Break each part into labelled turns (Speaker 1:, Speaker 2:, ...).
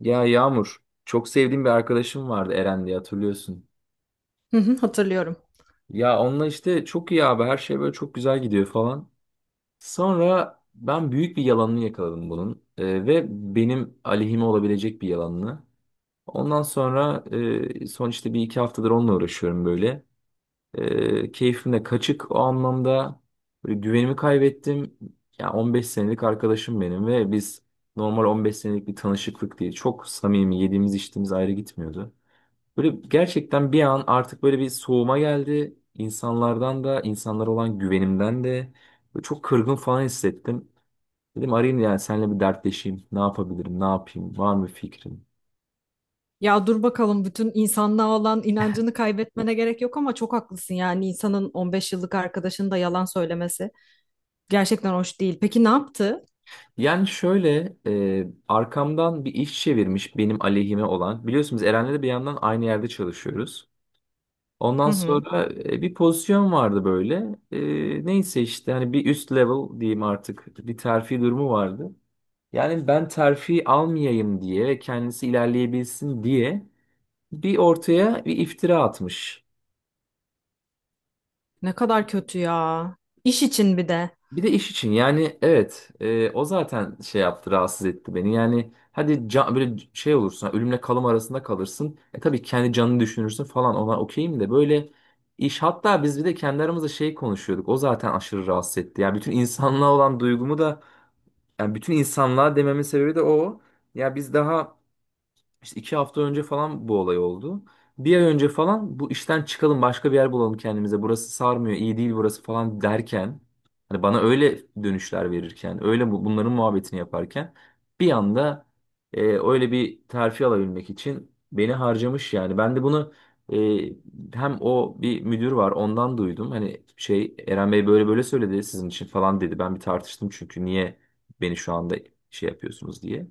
Speaker 1: Ya Yağmur, çok sevdiğim bir arkadaşım vardı Eren diye hatırlıyorsun.
Speaker 2: Hı hı, hatırlıyorum.
Speaker 1: Ya onunla işte çok iyi abi her şey böyle çok güzel gidiyor falan. Sonra ben büyük bir yalanını yakaladım bunun ve benim aleyhime olabilecek bir yalanını. Ondan sonra son işte bir iki haftadır onunla uğraşıyorum böyle. Keyfim de kaçık o anlamda böyle güvenimi kaybettim. Ya 15 senelik arkadaşım benim ve biz normal 15 senelik bir tanışıklık değil. Çok samimi yediğimiz içtiğimiz ayrı gitmiyordu. Böyle gerçekten bir an artık böyle bir soğuma geldi. İnsanlardan da, insanlara olan güvenimden de böyle çok kırgın falan hissettim. Dedim arayayım yani seninle bir dertleşeyim. Ne yapabilirim, ne yapayım, var mı fikrin?
Speaker 2: Ya dur bakalım, bütün insanlığa olan inancını kaybetmene gerek yok ama çok haklısın, yani insanın 15 yıllık arkadaşının da yalan söylemesi gerçekten hoş değil. Peki ne yaptı?
Speaker 1: Yani şöyle arkamdan bir iş çevirmiş benim aleyhime olan. Biliyorsunuz Eren'le de bir yandan aynı yerde çalışıyoruz. Ondan
Speaker 2: Hı hı.
Speaker 1: sonra bir pozisyon vardı böyle. Neyse işte hani bir üst level diyeyim artık bir terfi durumu vardı. Yani ben terfi almayayım diye ve kendisi ilerleyebilsin diye bir ortaya bir iftira atmış.
Speaker 2: Ne kadar kötü ya. İş için bir de.
Speaker 1: Bir de iş için yani evet o zaten şey yaptı rahatsız etti beni. Yani hadi can, böyle şey olursun ölümle kalım arasında kalırsın. Tabii kendi canını düşünürsün falan ona okeyim de böyle iş hatta biz bir de kendi aramızda şey konuşuyorduk. O zaten aşırı rahatsız etti. Yani bütün insanlığa olan duygumu da yani bütün insanlığa dememin sebebi de o. Ya biz daha İşte 2 hafta önce falan bu olay oldu. Bir ay önce falan bu işten çıkalım başka bir yer bulalım kendimize. Burası sarmıyor, iyi değil burası falan derken. Hani bana öyle dönüşler verirken, öyle bunların muhabbetini yaparken bir anda öyle bir terfi alabilmek için beni harcamış yani. Ben de bunu hem o bir müdür var ondan duydum. Hani şey Eren Bey böyle böyle söyledi sizin için falan dedi. Ben bir tartıştım çünkü niye beni şu anda şey yapıyorsunuz diye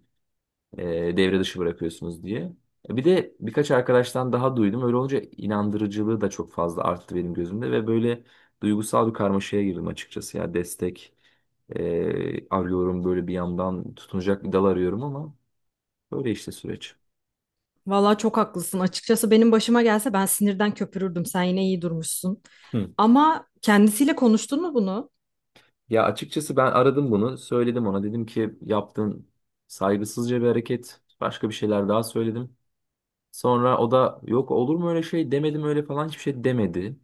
Speaker 1: devre dışı bırakıyorsunuz diye. Bir de birkaç arkadaştan daha duydum. Öyle olunca inandırıcılığı da çok fazla arttı benim gözümde ve böyle duygusal bir karmaşaya girdim açıkçası. Ya destek arıyorum böyle bir yandan tutunacak bir dal arıyorum ama böyle işte süreç.
Speaker 2: Vallahi çok haklısın. Açıkçası benim başıma gelse ben sinirden köpürürdüm. Sen yine iyi durmuşsun.
Speaker 1: Hı.
Speaker 2: Ama kendisiyle konuştun mu bunu?
Speaker 1: Ya açıkçası ben aradım bunu, söyledim ona. Dedim ki yaptığın saygısızca bir hareket. Başka bir şeyler daha söyledim. Sonra o da yok olur mu öyle şey demedim öyle falan hiçbir şey demedi.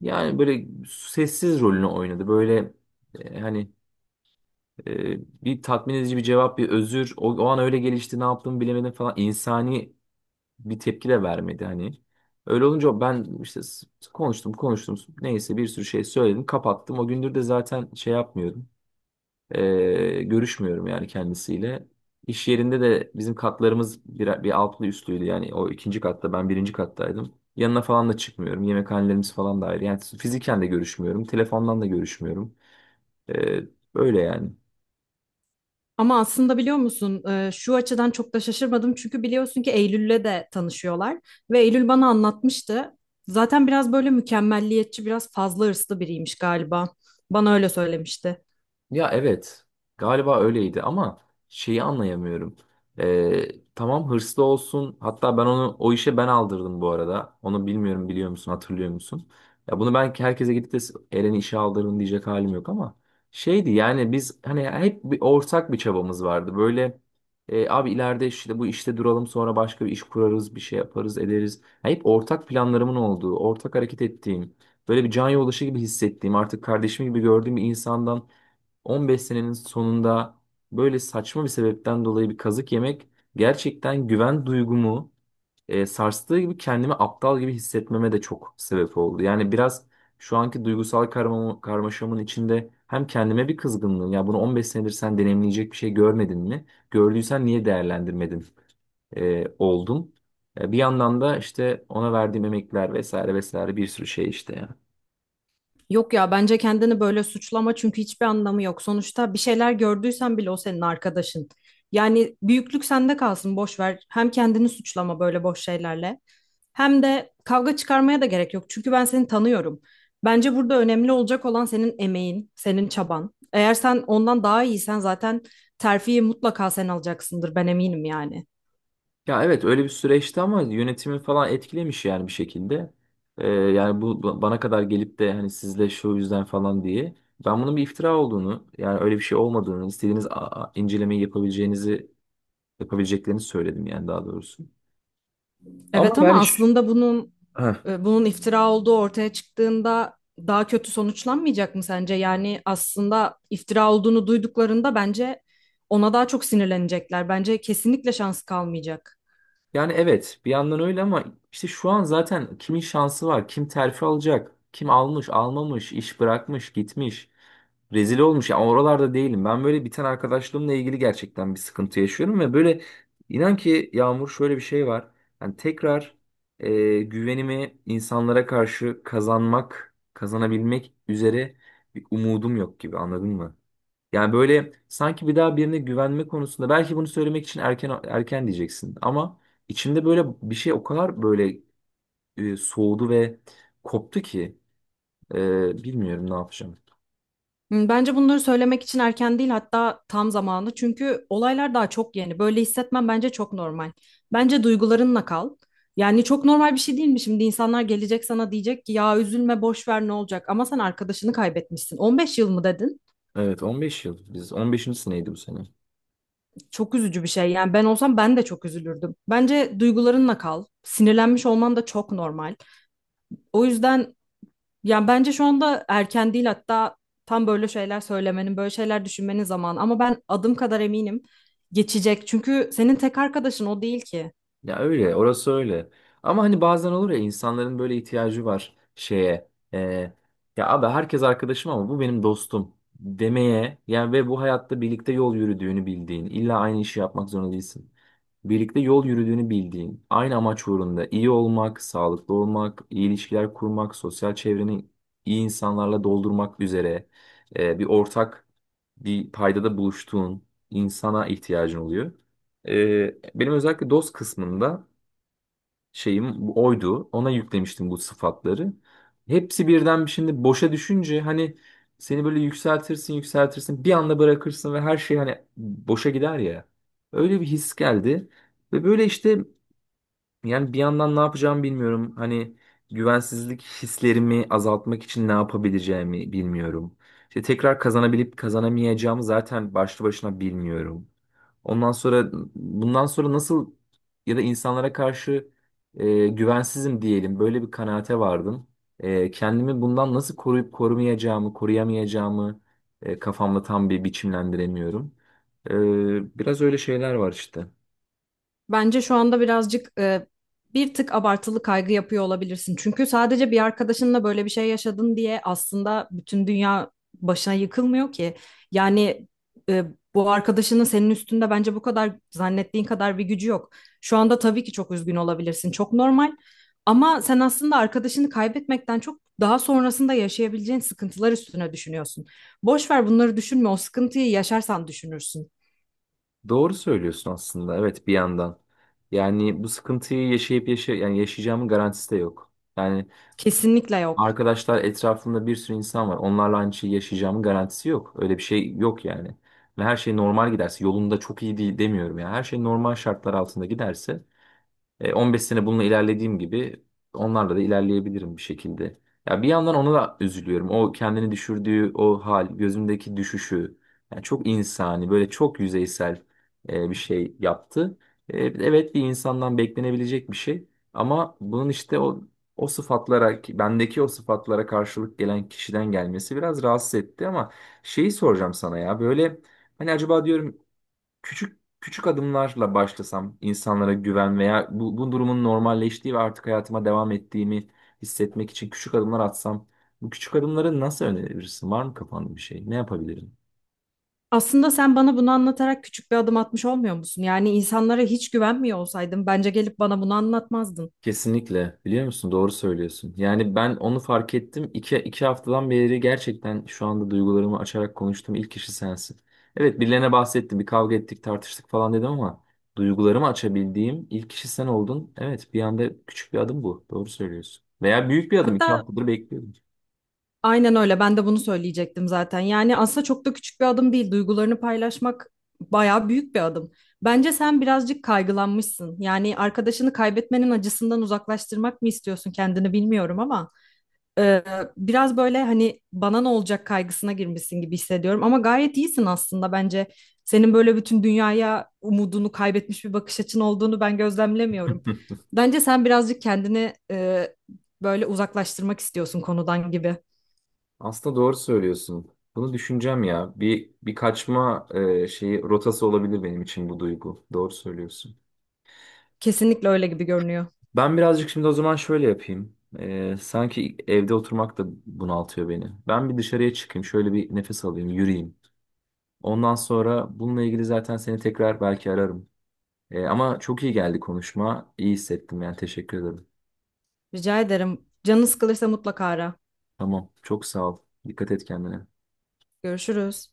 Speaker 1: Yani böyle sessiz rolünü oynadı. Böyle hani bir tatmin edici bir cevap, bir özür. O an öyle gelişti, ne yaptığımı bilemedim falan. İnsani bir tepki de vermedi hani. Öyle olunca ben işte konuştum, konuştum. Neyse bir sürü şey söyledim, kapattım. O gündür de zaten şey yapmıyorum. Görüşmüyorum yani kendisiyle. İş yerinde de bizim katlarımız bir altlı üstlüydü. Yani o ikinci katta ben birinci kattaydım. Yanına falan da çıkmıyorum. Yemekhanelerimiz falan da ayrı. Yani fiziken de görüşmüyorum. Telefondan da görüşmüyorum. Ee, böyle yani.
Speaker 2: Ama aslında biliyor musun, şu açıdan çok da şaşırmadım, çünkü biliyorsun ki Eylül'le de tanışıyorlar ve Eylül bana anlatmıştı. Zaten biraz böyle mükemmelliyetçi, biraz fazla hırslı biriymiş galiba. Bana öyle söylemişti.
Speaker 1: Ya evet galiba öyleydi ama şeyi anlayamıyorum. Ee, tamam hırslı olsun hatta ben onu o işe ben aldırdım bu arada. Onu bilmiyorum biliyor musun hatırlıyor musun? Ya bunu ben herkese gidip de Eren'i işe aldırdım diyecek halim yok ama şeydi yani biz hani hep bir ortak bir çabamız vardı. Böyle abi ileride işte bu işte duralım sonra başka bir iş kurarız bir şey yaparız ederiz. Ya hep ortak planlarımın olduğu ortak hareket ettiğim böyle bir can yoldaşı gibi hissettiğim artık kardeşim gibi gördüğüm bir insandan 15 senenin sonunda böyle saçma bir sebepten dolayı bir kazık yemek gerçekten güven duygumu sarstığı gibi kendimi aptal gibi hissetmeme de çok sebep oldu. Yani biraz şu anki duygusal karmaşamın içinde hem kendime bir kızgınlığım ya bunu 15 senedir sen deneyimleyecek bir şey görmedin mi? Gördüysen niye değerlendirmedin oldum. Bir yandan da işte ona verdiğim emekler vesaire vesaire bir sürü şey işte ya.
Speaker 2: Yok ya, bence kendini böyle suçlama, çünkü hiçbir anlamı yok. Sonuçta bir şeyler gördüysen bile o senin arkadaşın. Yani büyüklük sende kalsın, boş ver. Hem kendini suçlama böyle boş şeylerle. Hem de kavga çıkarmaya da gerek yok. Çünkü ben seni tanıyorum. Bence burada önemli olacak olan senin emeğin, senin çaban. Eğer sen ondan daha iyisen zaten terfiyi mutlaka sen alacaksındır. Ben eminim yani.
Speaker 1: Ya evet öyle bir süreçti ama yönetimi falan etkilemiş yani bir şekilde. Yani bu bana kadar gelip de hani sizle şu yüzden falan diye. Ben bunun bir iftira olduğunu yani öyle bir şey olmadığını istediğiniz incelemeyi yapabileceğinizi yapabileceklerini söyledim yani daha doğrusu. Ama
Speaker 2: Evet, ama
Speaker 1: yani
Speaker 2: aslında bunun
Speaker 1: heh.
Speaker 2: e, bunun iftira olduğu ortaya çıktığında daha kötü sonuçlanmayacak mı sence? Yani aslında iftira olduğunu duyduklarında bence ona daha çok sinirlenecekler. Bence kesinlikle şansı kalmayacak.
Speaker 1: Yani evet bir yandan öyle ama işte şu an zaten kimin şansı var? Kim terfi alacak? Kim almış, almamış, iş bırakmış, gitmiş. Rezil olmuş. Yani oralarda değilim. Ben böyle biten arkadaşlığımla ilgili gerçekten bir sıkıntı yaşıyorum ve böyle inan ki Yağmur şöyle bir şey var. Yani tekrar güvenimi insanlara karşı kazanmak, kazanabilmek üzere bir umudum yok gibi anladın mı? Yani böyle sanki bir daha birine güvenme konusunda belki bunu söylemek için erken erken diyeceksin ama içimde böyle bir şey o kadar böyle soğudu ve koptu ki bilmiyorum ne yapacağım.
Speaker 2: Hmm. Bence bunları söylemek için erken değil, hatta tam zamanı. Çünkü olaylar daha çok yeni. Böyle hissetmen bence çok normal. Bence duygularınla kal. Yani çok normal bir şey değil mi? Şimdi insanlar gelecek sana diyecek ki, ya üzülme boş ver, ne olacak? Ama sen arkadaşını kaybetmişsin. 15 yıl mı dedin?
Speaker 1: Evet 15 yıl. Biz 15. seneydi bu sene.
Speaker 2: Çok üzücü bir şey. Yani ben olsam ben de çok üzülürdüm. Bence duygularınla kal. Sinirlenmiş olman da çok normal. O yüzden, yani bence şu anda erken değil, hatta tam böyle şeyler söylemenin, böyle şeyler düşünmenin zamanı. Ama ben adım kadar eminim, geçecek. Çünkü senin tek arkadaşın o değil ki.
Speaker 1: Ya öyle, orası öyle. Ama hani bazen olur ya insanların böyle ihtiyacı var şeye. e, ya abi herkes arkadaşım ama bu benim dostum demeye. Yani ve bu hayatta birlikte yol yürüdüğünü bildiğin, illa aynı işi yapmak zorunda değilsin. Birlikte yol yürüdüğünü bildiğin, aynı amaç uğrunda iyi olmak, sağlıklı olmak, iyi ilişkiler kurmak, sosyal çevreni iyi insanlarla doldurmak üzere bir ortak bir paydada buluştuğun insana ihtiyacın oluyor. Benim özellikle DOS kısmında şeyim bu oydu. Ona yüklemiştim bu sıfatları. Hepsi birden bir şimdi boşa düşünce hani seni böyle yükseltirsin yükseltirsin bir anda bırakırsın ve her şey hani boşa gider ya. Öyle bir his geldi. Ve böyle işte yani bir yandan ne yapacağımı bilmiyorum. Hani güvensizlik hislerimi azaltmak için ne yapabileceğimi bilmiyorum. İşte tekrar kazanabilip kazanamayacağımı zaten başlı başına bilmiyorum. Ondan sonra bundan sonra nasıl ya da insanlara karşı güvensizim diyelim böyle bir kanaate vardım. Kendimi bundan nasıl koruyup korumayacağımı, koruyamayacağımı kafamda tam bir biçimlendiremiyorum. Biraz öyle şeyler var işte.
Speaker 2: Bence şu anda birazcık, bir tık abartılı kaygı yapıyor olabilirsin. Çünkü sadece bir arkadaşınla böyle bir şey yaşadın diye aslında bütün dünya başına yıkılmıyor ki. Yani e, bu arkadaşının senin üstünde bence bu kadar, zannettiğin kadar bir gücü yok. Şu anda tabii ki çok üzgün olabilirsin. Çok normal. Ama sen aslında arkadaşını kaybetmekten çok daha sonrasında yaşayabileceğin sıkıntılar üstüne düşünüyorsun. Boş ver, bunları düşünme. O sıkıntıyı yaşarsan düşünürsün.
Speaker 1: Doğru söylüyorsun aslında. Evet bir yandan. Yani bu sıkıntıyı yaşayıp yani yaşayacağımın garantisi de yok. Yani
Speaker 2: Kesinlikle yok.
Speaker 1: arkadaşlar etrafımda bir sürü insan var. Onlarla aynı şeyi yaşayacağımın garantisi yok. Öyle bir şey yok yani. Ve her şey normal giderse yolunda çok iyi değil demiyorum ya. Her şey normal şartlar altında giderse 15 sene bununla ilerlediğim gibi onlarla da ilerleyebilirim bir şekilde. Ya bir yandan ona da üzülüyorum. O kendini düşürdüğü o hal, gözümdeki düşüşü. Yani çok insani, böyle çok yüzeysel bir şey yaptı. Evet bir insandan beklenebilecek bir şey. Ama bunun işte o sıfatlara, bendeki o sıfatlara karşılık gelen kişiden gelmesi biraz rahatsız etti ama şeyi soracağım sana ya böyle hani acaba diyorum küçük küçük adımlarla başlasam insanlara güven veya bu durumun normalleştiği ve artık hayatıma devam ettiğimi hissetmek için küçük adımlar atsam bu küçük adımları nasıl önerebilirsin? Var mı kafanda bir şey? Ne yapabilirim?
Speaker 2: Aslında sen bana bunu anlatarak küçük bir adım atmış olmuyor musun? Yani insanlara hiç güvenmiyor olsaydın bence gelip bana bunu anlatmazdın.
Speaker 1: Kesinlikle. Biliyor musun? Doğru söylüyorsun. Yani ben onu fark ettim. İki haftadan beri gerçekten şu anda duygularımı açarak konuştuğum ilk kişi sensin. Evet birilerine bahsettim. Bir kavga ettik, tartıştık falan dedim ama duygularımı açabildiğim ilk kişi sen oldun. Evet bir anda küçük bir adım bu. Doğru söylüyorsun. Veya büyük bir adım. İki
Speaker 2: Hatta
Speaker 1: haftadır bekliyordum.
Speaker 2: aynen öyle. Ben de bunu söyleyecektim zaten. Yani aslında çok da küçük bir adım değil. Duygularını paylaşmak bayağı büyük bir adım. Bence sen birazcık kaygılanmışsın. Yani arkadaşını kaybetmenin acısından uzaklaştırmak mı istiyorsun kendini, bilmiyorum ama. Ee, biraz böyle, hani bana ne olacak kaygısına girmişsin gibi hissediyorum ama gayet iyisin aslında bence. Senin böyle bütün dünyaya umudunu kaybetmiş bir bakış açın olduğunu ben gözlemlemiyorum. Bence sen birazcık kendini, böyle uzaklaştırmak istiyorsun konudan gibi.
Speaker 1: Aslında doğru söylüyorsun. Bunu düşüneceğim ya. Bir kaçma şeyi rotası olabilir benim için bu duygu. Doğru söylüyorsun.
Speaker 2: Kesinlikle öyle gibi görünüyor.
Speaker 1: Ben birazcık şimdi o zaman şöyle yapayım. Sanki evde oturmak da bunaltıyor beni. Ben bir dışarıya çıkayım, şöyle bir nefes alayım, yürüyeyim. Ondan sonra bununla ilgili zaten seni tekrar belki ararım. Ama çok iyi geldi konuşma. İyi hissettim yani teşekkür ederim.
Speaker 2: Rica ederim. Canın sıkılırsa mutlaka ara.
Speaker 1: Tamam, çok sağ ol. Dikkat et kendine.
Speaker 2: Görüşürüz.